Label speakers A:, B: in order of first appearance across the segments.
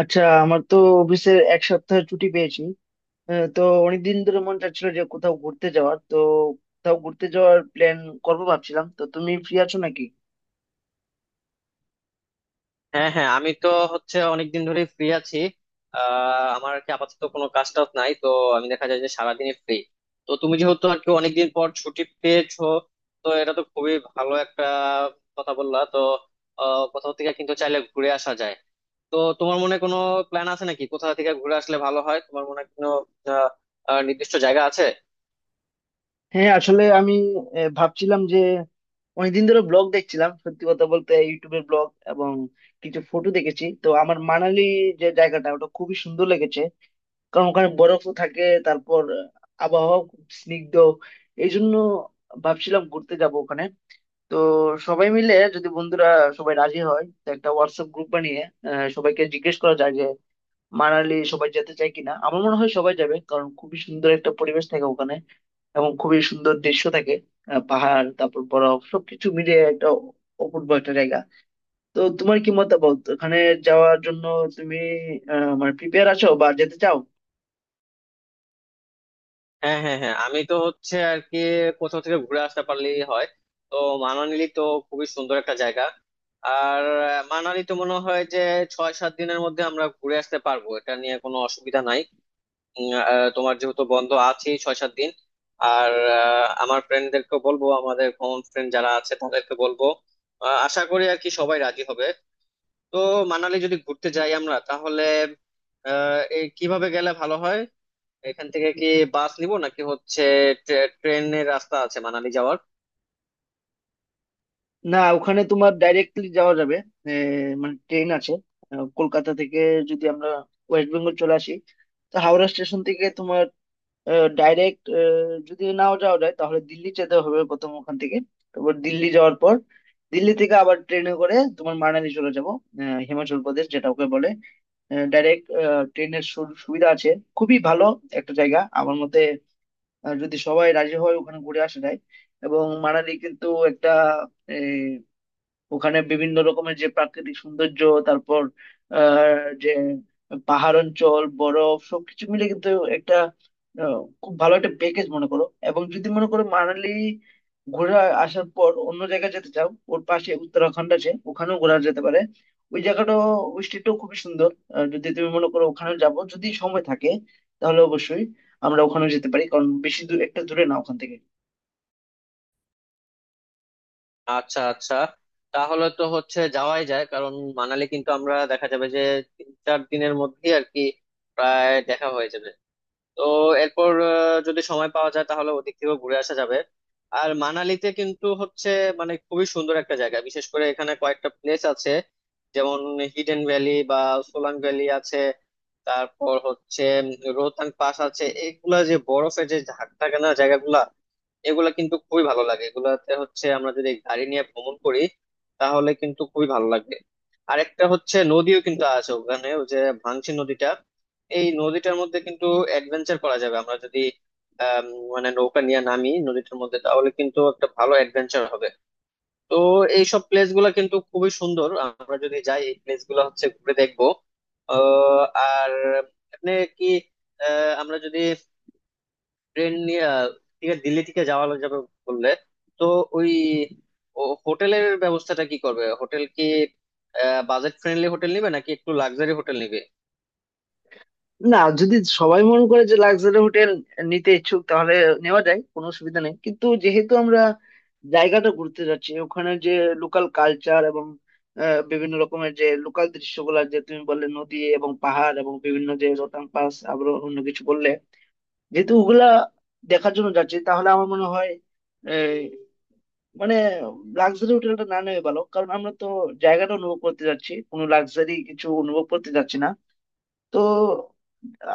A: আচ্ছা, আমার তো অফিসের 1 সপ্তাহ ছুটি পেয়েছি। তো অনেকদিন ধরে মন চাচ্ছিল যে কোথাও ঘুরতে যাওয়ার, তো কোথাও ঘুরতে যাওয়ার প্ল্যান করবো ভাবছিলাম। তো তুমি ফ্রি আছো নাকি?
B: হ্যাঁ হ্যাঁ আমি তো হচ্ছে অনেকদিন ধরে ফ্রি আছি। আমার আর কি আপাতত কোনো কাজ টাজ নাই, তো আমি দেখা যায় যে সারাদিনই ফ্রি। তো তুমি যেহেতু আর কি অনেকদিন পর ছুটি পেয়েছো, তো এটা তো খুবই ভালো একটা কথা বললা। তো কোথাও থেকে কিন্তু চাইলে ঘুরে আসা যায়। তো তোমার মনে কোনো প্ল্যান আছে নাকি? কোথা থেকে ঘুরে আসলে ভালো হয় তোমার মনে হয়? কোনো আহ আহ, নির্দিষ্ট জায়গা আছে?
A: হ্যাঁ, আসলে আমি ভাবছিলাম যে অনেকদিন ধরে ব্লগ দেখছিলাম, সত্যি কথা বলতে ইউটিউবের ব্লগ, এবং কিছু ফটো দেখেছি। তো আমার মানালি যে জায়গাটা ওটা খুবই সুন্দর লেগেছে, কারণ ওখানে বরফও থাকে, তারপর আবহাওয়া খুব স্নিগ্ধ। এই জন্য ভাবছিলাম ঘুরতে যাব ওখানে। তো সবাই মিলে, যদি বন্ধুরা সবাই রাজি হয়, তো একটা হোয়াটসঅ্যাপ গ্রুপ বানিয়ে সবাইকে জিজ্ঞেস করা যায় যে মানালি সবাই যেতে চায় কিনা। আমার মনে হয় সবাই যাবে, কারণ খুবই সুন্দর একটা পরিবেশ থাকে ওখানে, এবং খুবই সুন্দর দৃশ্য থাকে। পাহাড়, তারপর বরফ, সবকিছু মিলে একটা অপূর্ব একটা জায়গা। তো তোমার কি মতামত ওখানে যাওয়ার জন্য? তুমি মানে প্রিপেয়ার আছো বা যেতে চাও?
B: হ্যাঁ হ্যাঁ হ্যাঁ আমি তো হচ্ছে আর কি কোথাও থেকে ঘুরে আসতে পারলেই হয়। তো মানালি তো খুবই সুন্দর একটা জায়গা। আর মানালি তো মনে হয় যে 6-7 দিনের মধ্যে আমরা ঘুরে আসতে পারবো, এটা নিয়ে কোনো অসুবিধা নাই। তোমার যেহেতু বন্ধ আছে 6-7 দিন। আর আমার ফ্রেন্ডদেরকে বলবো, আমাদের কমন ফ্রেন্ড যারা আছে তাদেরকে বলবো। আশা করি আর কি সবাই রাজি হবে। তো মানালি যদি ঘুরতে যাই আমরা, তাহলে এই কিভাবে গেলে ভালো হয়? এখান থেকে কি বাস নিব, নাকি হচ্ছে ট্রেনের রাস্তা আছে মানালি যাওয়ার?
A: না, ওখানে তোমার ডাইরেক্টলি যাওয়া যাবে। এ, মানে ট্রেন আছে। কলকাতা থেকে যদি আমরা ওয়েস্ট বেঙ্গল চলে আসি, তো হাওড়া স্টেশন থেকে তোমার ডাইরেক্ট, যদি নাও যাওয়া যায় তাহলে দিল্লি যেতে হবে প্রথম। ওখান থেকে, তারপর দিল্লি যাওয়ার পর, দিল্লি থেকে আবার ট্রেনে করে তোমার মানালি চলে যাবো। হিমাচল প্রদেশ যেটা ওকে বলে, ডাইরেক্ট ট্রেনের সুবিধা আছে। খুবই ভালো একটা জায়গা আমার মতে। যদি সবাই রাজি হয় ওখানে ঘুরে আসা যায়। এবং মানালি কিন্তু একটা, ওখানে বিভিন্ন রকমের যে প্রাকৃতিক সৌন্দর্য, তারপর যে পাহাড় অঞ্চল, বরফ, সবকিছু মিলে কিন্তু একটা আহ, খুব ভালো একটা প্যাকেজ মনে করো। এবং যদি মনে করো মানালি ঘুরে আসার পর অন্য জায়গায় যেতে চাও, ওর পাশে উত্তরাখণ্ড আছে, ওখানেও ঘোরা যেতে পারে। ওই জায়গাটাও, ওই স্টেটটাও খুবই সুন্দর। যদি তুমি মনে করো ওখানে যাবো, যদি সময় থাকে তাহলে অবশ্যই আমরা ওখানে যেতে পারি, কারণ বেশি দূর, একটা দূরে না ওখান থেকে।
B: আচ্ছা আচ্ছা, তাহলে তো হচ্ছে যাওয়াই যায় কারণ মানালি কিন্তু আমরা দেখা যাবে যে 3-4 দিনের মধ্যেই আর কি প্রায় দেখা হয়ে যাবে। তো এরপর যদি সময় পাওয়া যায় তাহলে ওদিক থেকেও ঘুরে আসা যাবে। আর মানালিতে কিন্তু হচ্ছে মানে খুবই সুন্দর একটা জায়গা, বিশেষ করে এখানে কয়েকটা প্লেস আছে, যেমন হিডেন ভ্যালি বা সোলাং ভ্যালি আছে। তারপর হচ্ছে রোহতাং পাস আছে, এগুলা যে বরফে যে ঝাঁক থাকে না জায়গাগুলা, এগুলা কিন্তু খুবই ভালো লাগে। এগুলাতে হচ্ছে আমরা যদি গাড়ি নিয়ে ভ্রমণ করি তাহলে কিন্তু খুবই ভালো লাগবে। আরেকটা হচ্ছে নদীও কিন্তু আছে ওখানে, ওই যে ভাংসি নদীটা। এই নদীটার মধ্যে কিন্তু অ্যাডভেঞ্চার করা যাবে আমরা যদি আম, মানে নৌকা নিয়ে নামি নদীটার মধ্যে, তাহলে কিন্তু একটা ভালো অ্যাডভেঞ্চার হবে। তো এইসব প্লেস গুলা কিন্তু খুবই সুন্দর, আমরা যদি যাই এই প্লেস গুলা হচ্ছে ঘুরে দেখবো। আহ, আর আপনি কি আমরা যদি ট্রেন নিয়ে ঠিক আছে, দিল্লি থেকে যাওয়া যাবে বললে, তো ওই ও হোটেলের ব্যবস্থাটা কি করবে? হোটেল কি বাজেট ফ্রেন্ডলি হোটেল নিবে নাকি একটু লাক্সারি হোটেল নিবে?
A: না, যদি সবাই মনে করে যে লাক্সারি হোটেল নিতে ইচ্ছুক তাহলে নেওয়া যায়, কোনো অসুবিধা নেই। কিন্তু যেহেতু আমরা জায়গাটা ঘুরতে যাচ্ছি, ওখানে যে লোকাল কালচার এবং বিভিন্ন রকমের যে লোকাল দৃশ্যগুলো যে তুমি বললে নদী এবং পাহাড় এবং বিভিন্ন যে রোতাং পাস আরো অন্য কিছু বললে, যেহেতু ওগুলা দেখার জন্য যাচ্ছি, তাহলে আমার মনে হয় এই, মানে লাক্সারি হোটেলটা না নেওয়া ভালো, কারণ আমরা তো জায়গাটা অনুভব করতে যাচ্ছি, কোনো লাক্সারি কিছু অনুভব করতে যাচ্ছি না। তো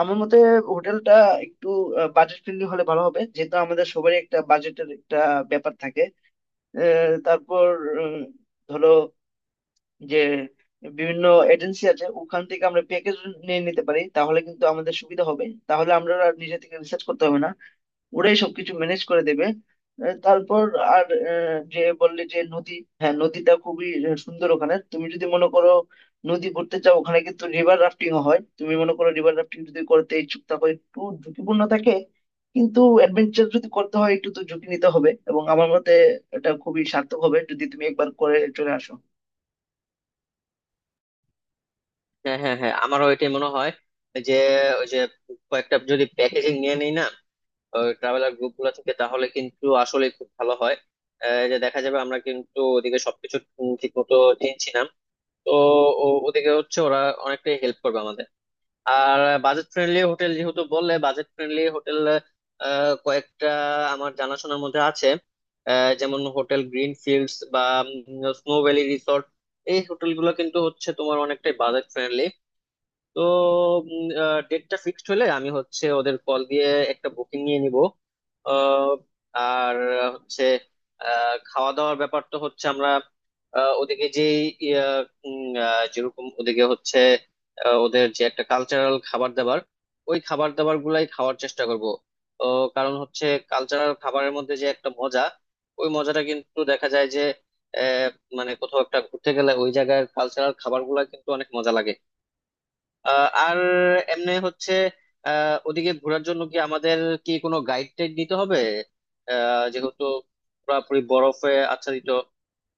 A: আমার মতে হোটেলটা একটু বাজেট ফ্রেন্ডলি হলে ভালো হবে, যেহেতু আমাদের সবারই একটা বাজেটের একটা ব্যাপার থাকে। তারপর উম, ধরো যে বিভিন্ন এজেন্সি আছে, ওখান থেকে আমরা প্যাকেজ নিয়ে নিতে পারি, তাহলে কিন্তু আমাদের সুবিধা হবে, তাহলে আমরা আর নিজে থেকে রিসার্চ করতে হবে না, ওরাই সবকিছু ম্যানেজ করে দেবে। তারপর আর যে বললে যে নদী, হ্যাঁ নদীটা খুবই সুন্দর ওখানে। তুমি যদি মনে করো নদী ঘুরতে চাও, ওখানে কিন্তু রিভার রাফটিং হয়, তুমি মনে করো রিভার রাফটিং যদি করতে ইচ্ছুক থাকো, একটু ঝুঁকিপূর্ণ থাকে, কিন্তু অ্যাডভেঞ্চার যদি করতে হয় একটু তো ঝুঁকি নিতে হবে। এবং আমার মতে এটা খুবই সার্থক হবে যদি তুমি একবার করে চলে আসো।
B: হ্যাঁ হ্যাঁ হ্যাঁ আমারও এটাই মনে হয় যে ওই যে কয়েকটা যদি প্যাকেজিং নিয়ে নিই না ট্রাভেলার গ্রুপ গুলো থেকে তাহলে কিন্তু আসলে খুব ভালো হয়। যে দেখা যাবে আমরা কিন্তু ওদিকে সবকিছু ঠিক মতো চিনছি না। তো ওদিকে হচ্ছে ওরা অনেকটাই হেল্প করবে আমাদের। আর বাজেট ফ্রেন্ডলি হোটেল যেহেতু বললে, বাজেট ফ্রেন্ডলি হোটেল কয়েকটা আমার জানাশোনার মধ্যে আছে। যেমন হোটেল গ্রিন ফিল্ডস বা স্নো ভ্যালি রিসর্ট, এই হোটেলগুলো কিন্তু হচ্ছে তোমার অনেকটাই বাজেট ফ্রেন্ডলি। তো ডেটটা ফিক্সড হলে আমি হচ্ছে ওদের কল দিয়ে একটা বুকিং নিয়ে নিব। আহ, আর হচ্ছে খাওয়া দাওয়ার ব্যাপার তো হচ্ছে আমরা ওদিকে যে যেরকম ওদিকে হচ্ছে ওদের যে একটা কালচারাল খাবার দাবার, ওই খাবার দাবার গুলাই খাওয়ার চেষ্টা করব। তো কারণ হচ্ছে কালচারাল খাবারের মধ্যে যে একটা মজা, ওই মজাটা কিন্তু দেখা যায় যে আহ, মানে কোথাও একটা ঘুরতে গেলে ওই জায়গার কালচারাল খাবার গুলা কিন্তু অনেক মজা লাগে। আর এমনি হচ্ছে ওদিকে ঘোরার জন্য কি আমাদের কি কোনো গাইড টাইড নিতে হবে? যেহেতু পুরোপুরি বরফে আচ্ছাদিত,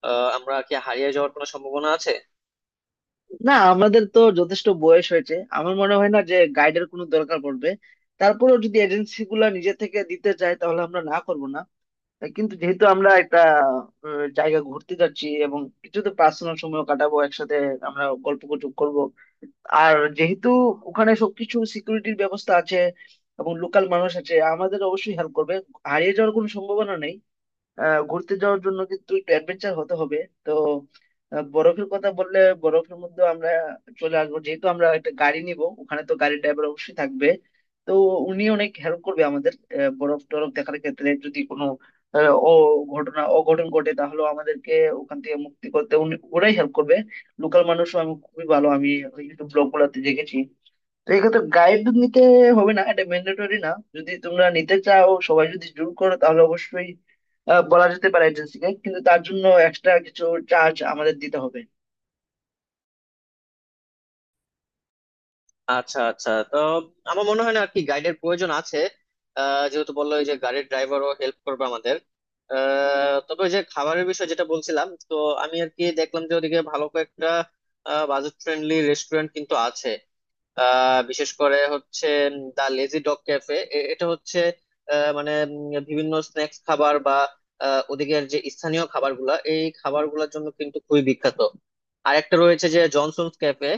B: আমরা কি হারিয়ে যাওয়ার কোনো সম্ভাবনা আছে?
A: না, আমাদের তো যথেষ্ট বয়স হয়েছে, আমার মনে হয় না যে গাইডের কোনো দরকার পড়বে। তারপরেও যদি এজেন্সি গুলা নিজে থেকে দিতে চায় তাহলে আমরা না করব না। কিন্তু যেহেতু আমরা একটা জায়গা ঘুরতে যাচ্ছি, এবং কিছু তো পার্সোনাল সময় কাটাবো একসাথে, আমরা গল্প গুজব করবো। আর যেহেতু ওখানে সবকিছু সিকিউরিটির ব্যবস্থা আছে এবং লোকাল মানুষ আছে, আমাদের অবশ্যই হেল্প করবে, হারিয়ে যাওয়ার কোনো সম্ভাবনা নেই। ঘুরতে যাওয়ার জন্য কিন্তু একটু অ্যাডভেঞ্চার হতে হবে। তো বরফের কথা বললে, বরফের মধ্যে আমরা চলে আসবো, যেহেতু আমরা একটা গাড়ি নিব, ওখানে তো গাড়ি ড্রাইভার অবশ্যই থাকবে, তো উনি অনেক হেল্প করবে আমাদের। বরফ টরফ দেখার ক্ষেত্রে যদি কোনো আহ, ও ঘটনা অঘটন ঘটে তাহলে আমাদেরকে ওখান থেকে মুক্তি করতে উনি, ওরাই হেল্প করবে। লোকাল মানুষও আমি খুবই ভালো, আমি ইউটিউব ব্লগ গুলাতে দেখেছি। তো এক্ষেত্রে গাইড নিতে হবে না, এটা ম্যান্ডেটরি না। যদি তোমরা নিতে চাও, সবাই যদি জুম করো, তাহলে অবশ্যই বলা যেতে পারে এজেন্সিকে, কিন্তু তার জন্য এক্সট্রা কিছু চার্জ আমাদের দিতে হবে।
B: আচ্ছা আচ্ছা, তো আমার মনে হয় না আর কি গাইডের প্রয়োজন আছে। যেহেতু বললো ওই যে গাড়ির ড্রাইভারও হেল্প করবে আমাদের। তবে ওই যে খাবারের বিষয় যেটা বলছিলাম, তো আমি আর কি দেখলাম যে ওদিকে ভালো কয়েকটা বাজেট ফ্রেন্ডলি রেস্টুরেন্ট কিন্তু আছে। বিশেষ করে হচ্ছে দা লেজি ডগ ক্যাফে, এটা হচ্ছে মানে বিভিন্ন স্ন্যাক্স খাবার বা ওদিকের যে স্থানীয় খাবারগুলা, এই খাবারগুলোর জন্য কিন্তু খুবই বিখ্যাত। আর একটা রয়েছে যে জনসনস ক্যাফে,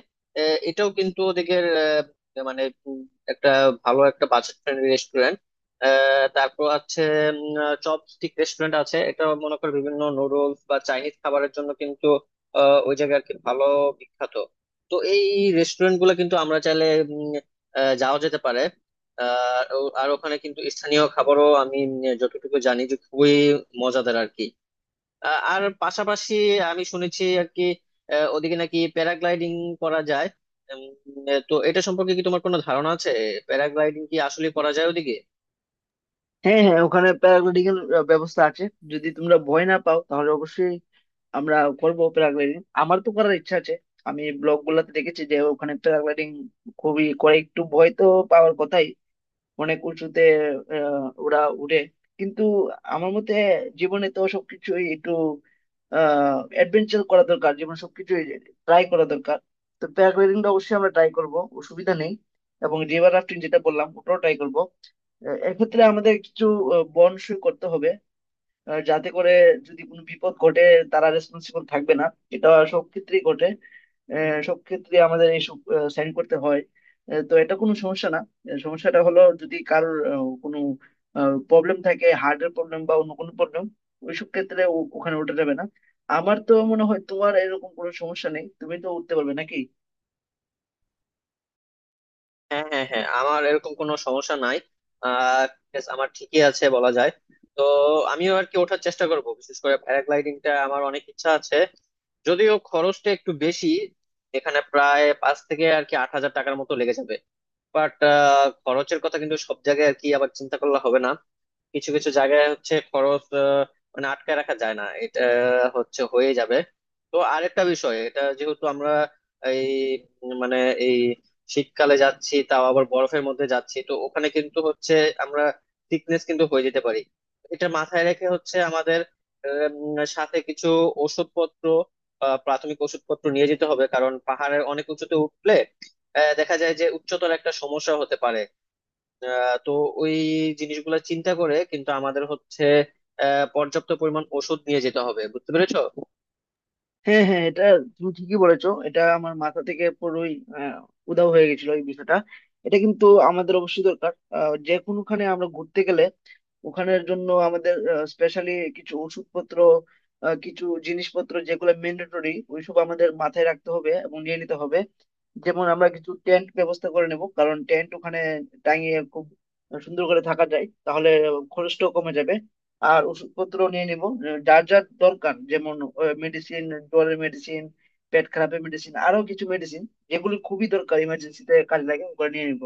B: এটাও কিন্তু ওদিকের মানে একটা ভালো একটা বাজেট ফ্রেন্ডলি রেস্টুরেন্ট। তারপর আছে চপ স্টিক রেস্টুরেন্ট আছে, এটা মনে কর বিভিন্ন নুডলস বা চাইনিজ খাবারের জন্য কিন্তু ওই জায়গা আর কি ভালো বিখ্যাত। তো এই রেস্টুরেন্ট গুলো কিন্তু আমরা চাইলে উম, যাওয়া যেতে পারে। আর ওখানে কিন্তু স্থানীয় খাবারও আমি যতটুকু জানি যে খুবই মজাদার আর কি। আর পাশাপাশি আমি শুনেছি আর কি ওদিকে নাকি প্যারাগ্লাইডিং করা যায়। উম, তো এটা সম্পর্কে কি তোমার কোনো ধারণা আছে? প্যারাগ্লাইডিং কি আসলে করা যায় ওদিকে?
A: হ্যাঁ, হ্যাঁ, ওখানে প্যারাগ্লাইডিং এর ব্যবস্থা আছে। যদি তোমরা ভয় না পাও তাহলে অবশ্যই আমরা করবো প্যারাগ্লাইডিং, আমার তো করার ইচ্ছা আছে। আমি ব্লগ গুলাতে দেখেছি যে ওখানে প্যারাগ্লাইডিং খুবই করে, একটু ভয় তো পাওয়ার কথাই, অনেক উঁচুতে ওরা উড়ে। কিন্তু আমার মতে জীবনে তো সবকিছুই একটু অ্যাডভেঞ্চার করা দরকার, জীবনে সবকিছুই ট্রাই করা দরকার। তো প্যারাগ্লাইডিংটা অবশ্যই আমরা ট্রাই করব, অসুবিধা নেই। এবং রিভার রাফটিং যেটা বললাম ওটাও ট্রাই করব। এক্ষেত্রে আমাদের কিছু বনসই করতে হবে, যাতে করে যদি কোনো বিপদ ঘটে, তারা রেসপন্সিবল থাকবে না। এটা সব ক্ষেত্রেই ঘটে। সব ক্ষেত্রে আমাদের এইসব সাইন করতে হয়। তো এটা কোনো সমস্যা না। সমস্যাটা হলো যদি কারোর কোনো প্রবলেম থাকে, হার্টের প্রবলেম বা অন্য কোনো প্রবলেম, ওইসব ক্ষেত্রে ওখানে উঠে যাবে না। আমার তো মনে হয় তোমার এরকম কোনো সমস্যা নেই, তুমি তো উঠতে পারবে নাকি?
B: হ্যাঁ হ্যাঁ হ্যাঁ আমার এরকম কোনো সমস্যা নাই। আহ yes, আমার ঠিকই আছে বলা যায়। তো আমিও আর কি ওঠার চেষ্টা করব, বিশেষ করে প্যারাগ্লাইডিংটা আমার অনেক ইচ্ছা আছে। যদিও খরচটা একটু বেশি, এখানে প্রায় পাঁচ থেকে আর কি 8,000 টাকার মতো লেগে যাবে। বাট খরচের কথা কিন্তু সব জায়গায় আর কি আবার চিন্তা করলে হবে না। কিছু কিছু জায়গায় হচ্ছে খরচ মানে আটকায় রাখা যায় না, এটা হচ্ছে হয়ে যাবে। তো আরেকটা বিষয় এটা, যেহেতু আমরা এই মানে এই শীতকালে যাচ্ছি তাও আবার বরফের মধ্যে যাচ্ছি, তো ওখানে কিন্তু হচ্ছে আমরা সিকনেস কিন্তু হয়ে যেতে পারি। এটা মাথায় রেখে হচ্ছে আমাদের সাথে কিছু ওষুধপত্র, প্রাথমিক ওষুধপত্র নিয়ে যেতে হবে, কারণ পাহাড়ের অনেক উঁচুতে উঠলে দেখা যায় যে উচ্চতর একটা সমস্যা হতে পারে। তো ওই জিনিসগুলো চিন্তা করে কিন্তু আমাদের হচ্ছে পর্যাপ্ত পরিমাণ ওষুধ নিয়ে যেতে হবে, বুঝতে পেরেছো?
A: হ্যাঁ, হ্যাঁ, এটা তুমি ঠিকই বলেছো। এটা আমার মাথা থেকে পুরোই আহ, উধাও হয়ে গেছিল, এই বিষয়টা এটা কিন্তু আমাদের অবশ্যই দরকার। যে কোনোখানে আমরা ঘুরতে গেলে ওখানের জন্য আমাদের স্পেশালি কিছু ওষুধপত্র, কিছু জিনিসপত্র যেগুলো ম্যান্ডেটরি, ওইসব আমাদের মাথায় রাখতে হবে এবং নিয়ে নিতে হবে। যেমন আমরা কিছু টেন্ট ব্যবস্থা করে নেব, কারণ টেন্ট ওখানে টাঙিয়ে খুব সুন্দর করে থাকা যায়, তাহলে খরচটাও কমে যাবে। আর ওষুধপত্র নিয়ে নিব, যার যার দরকার, যেমন মেডিসিন, জ্বরের মেডিসিন, পেট খারাপের মেডিসিন, আরো কিছু মেডিসিন যেগুলো খুবই দরকার, ইমার্জেন্সিতে কাজে লাগে, ওগুলো নিয়ে নিব।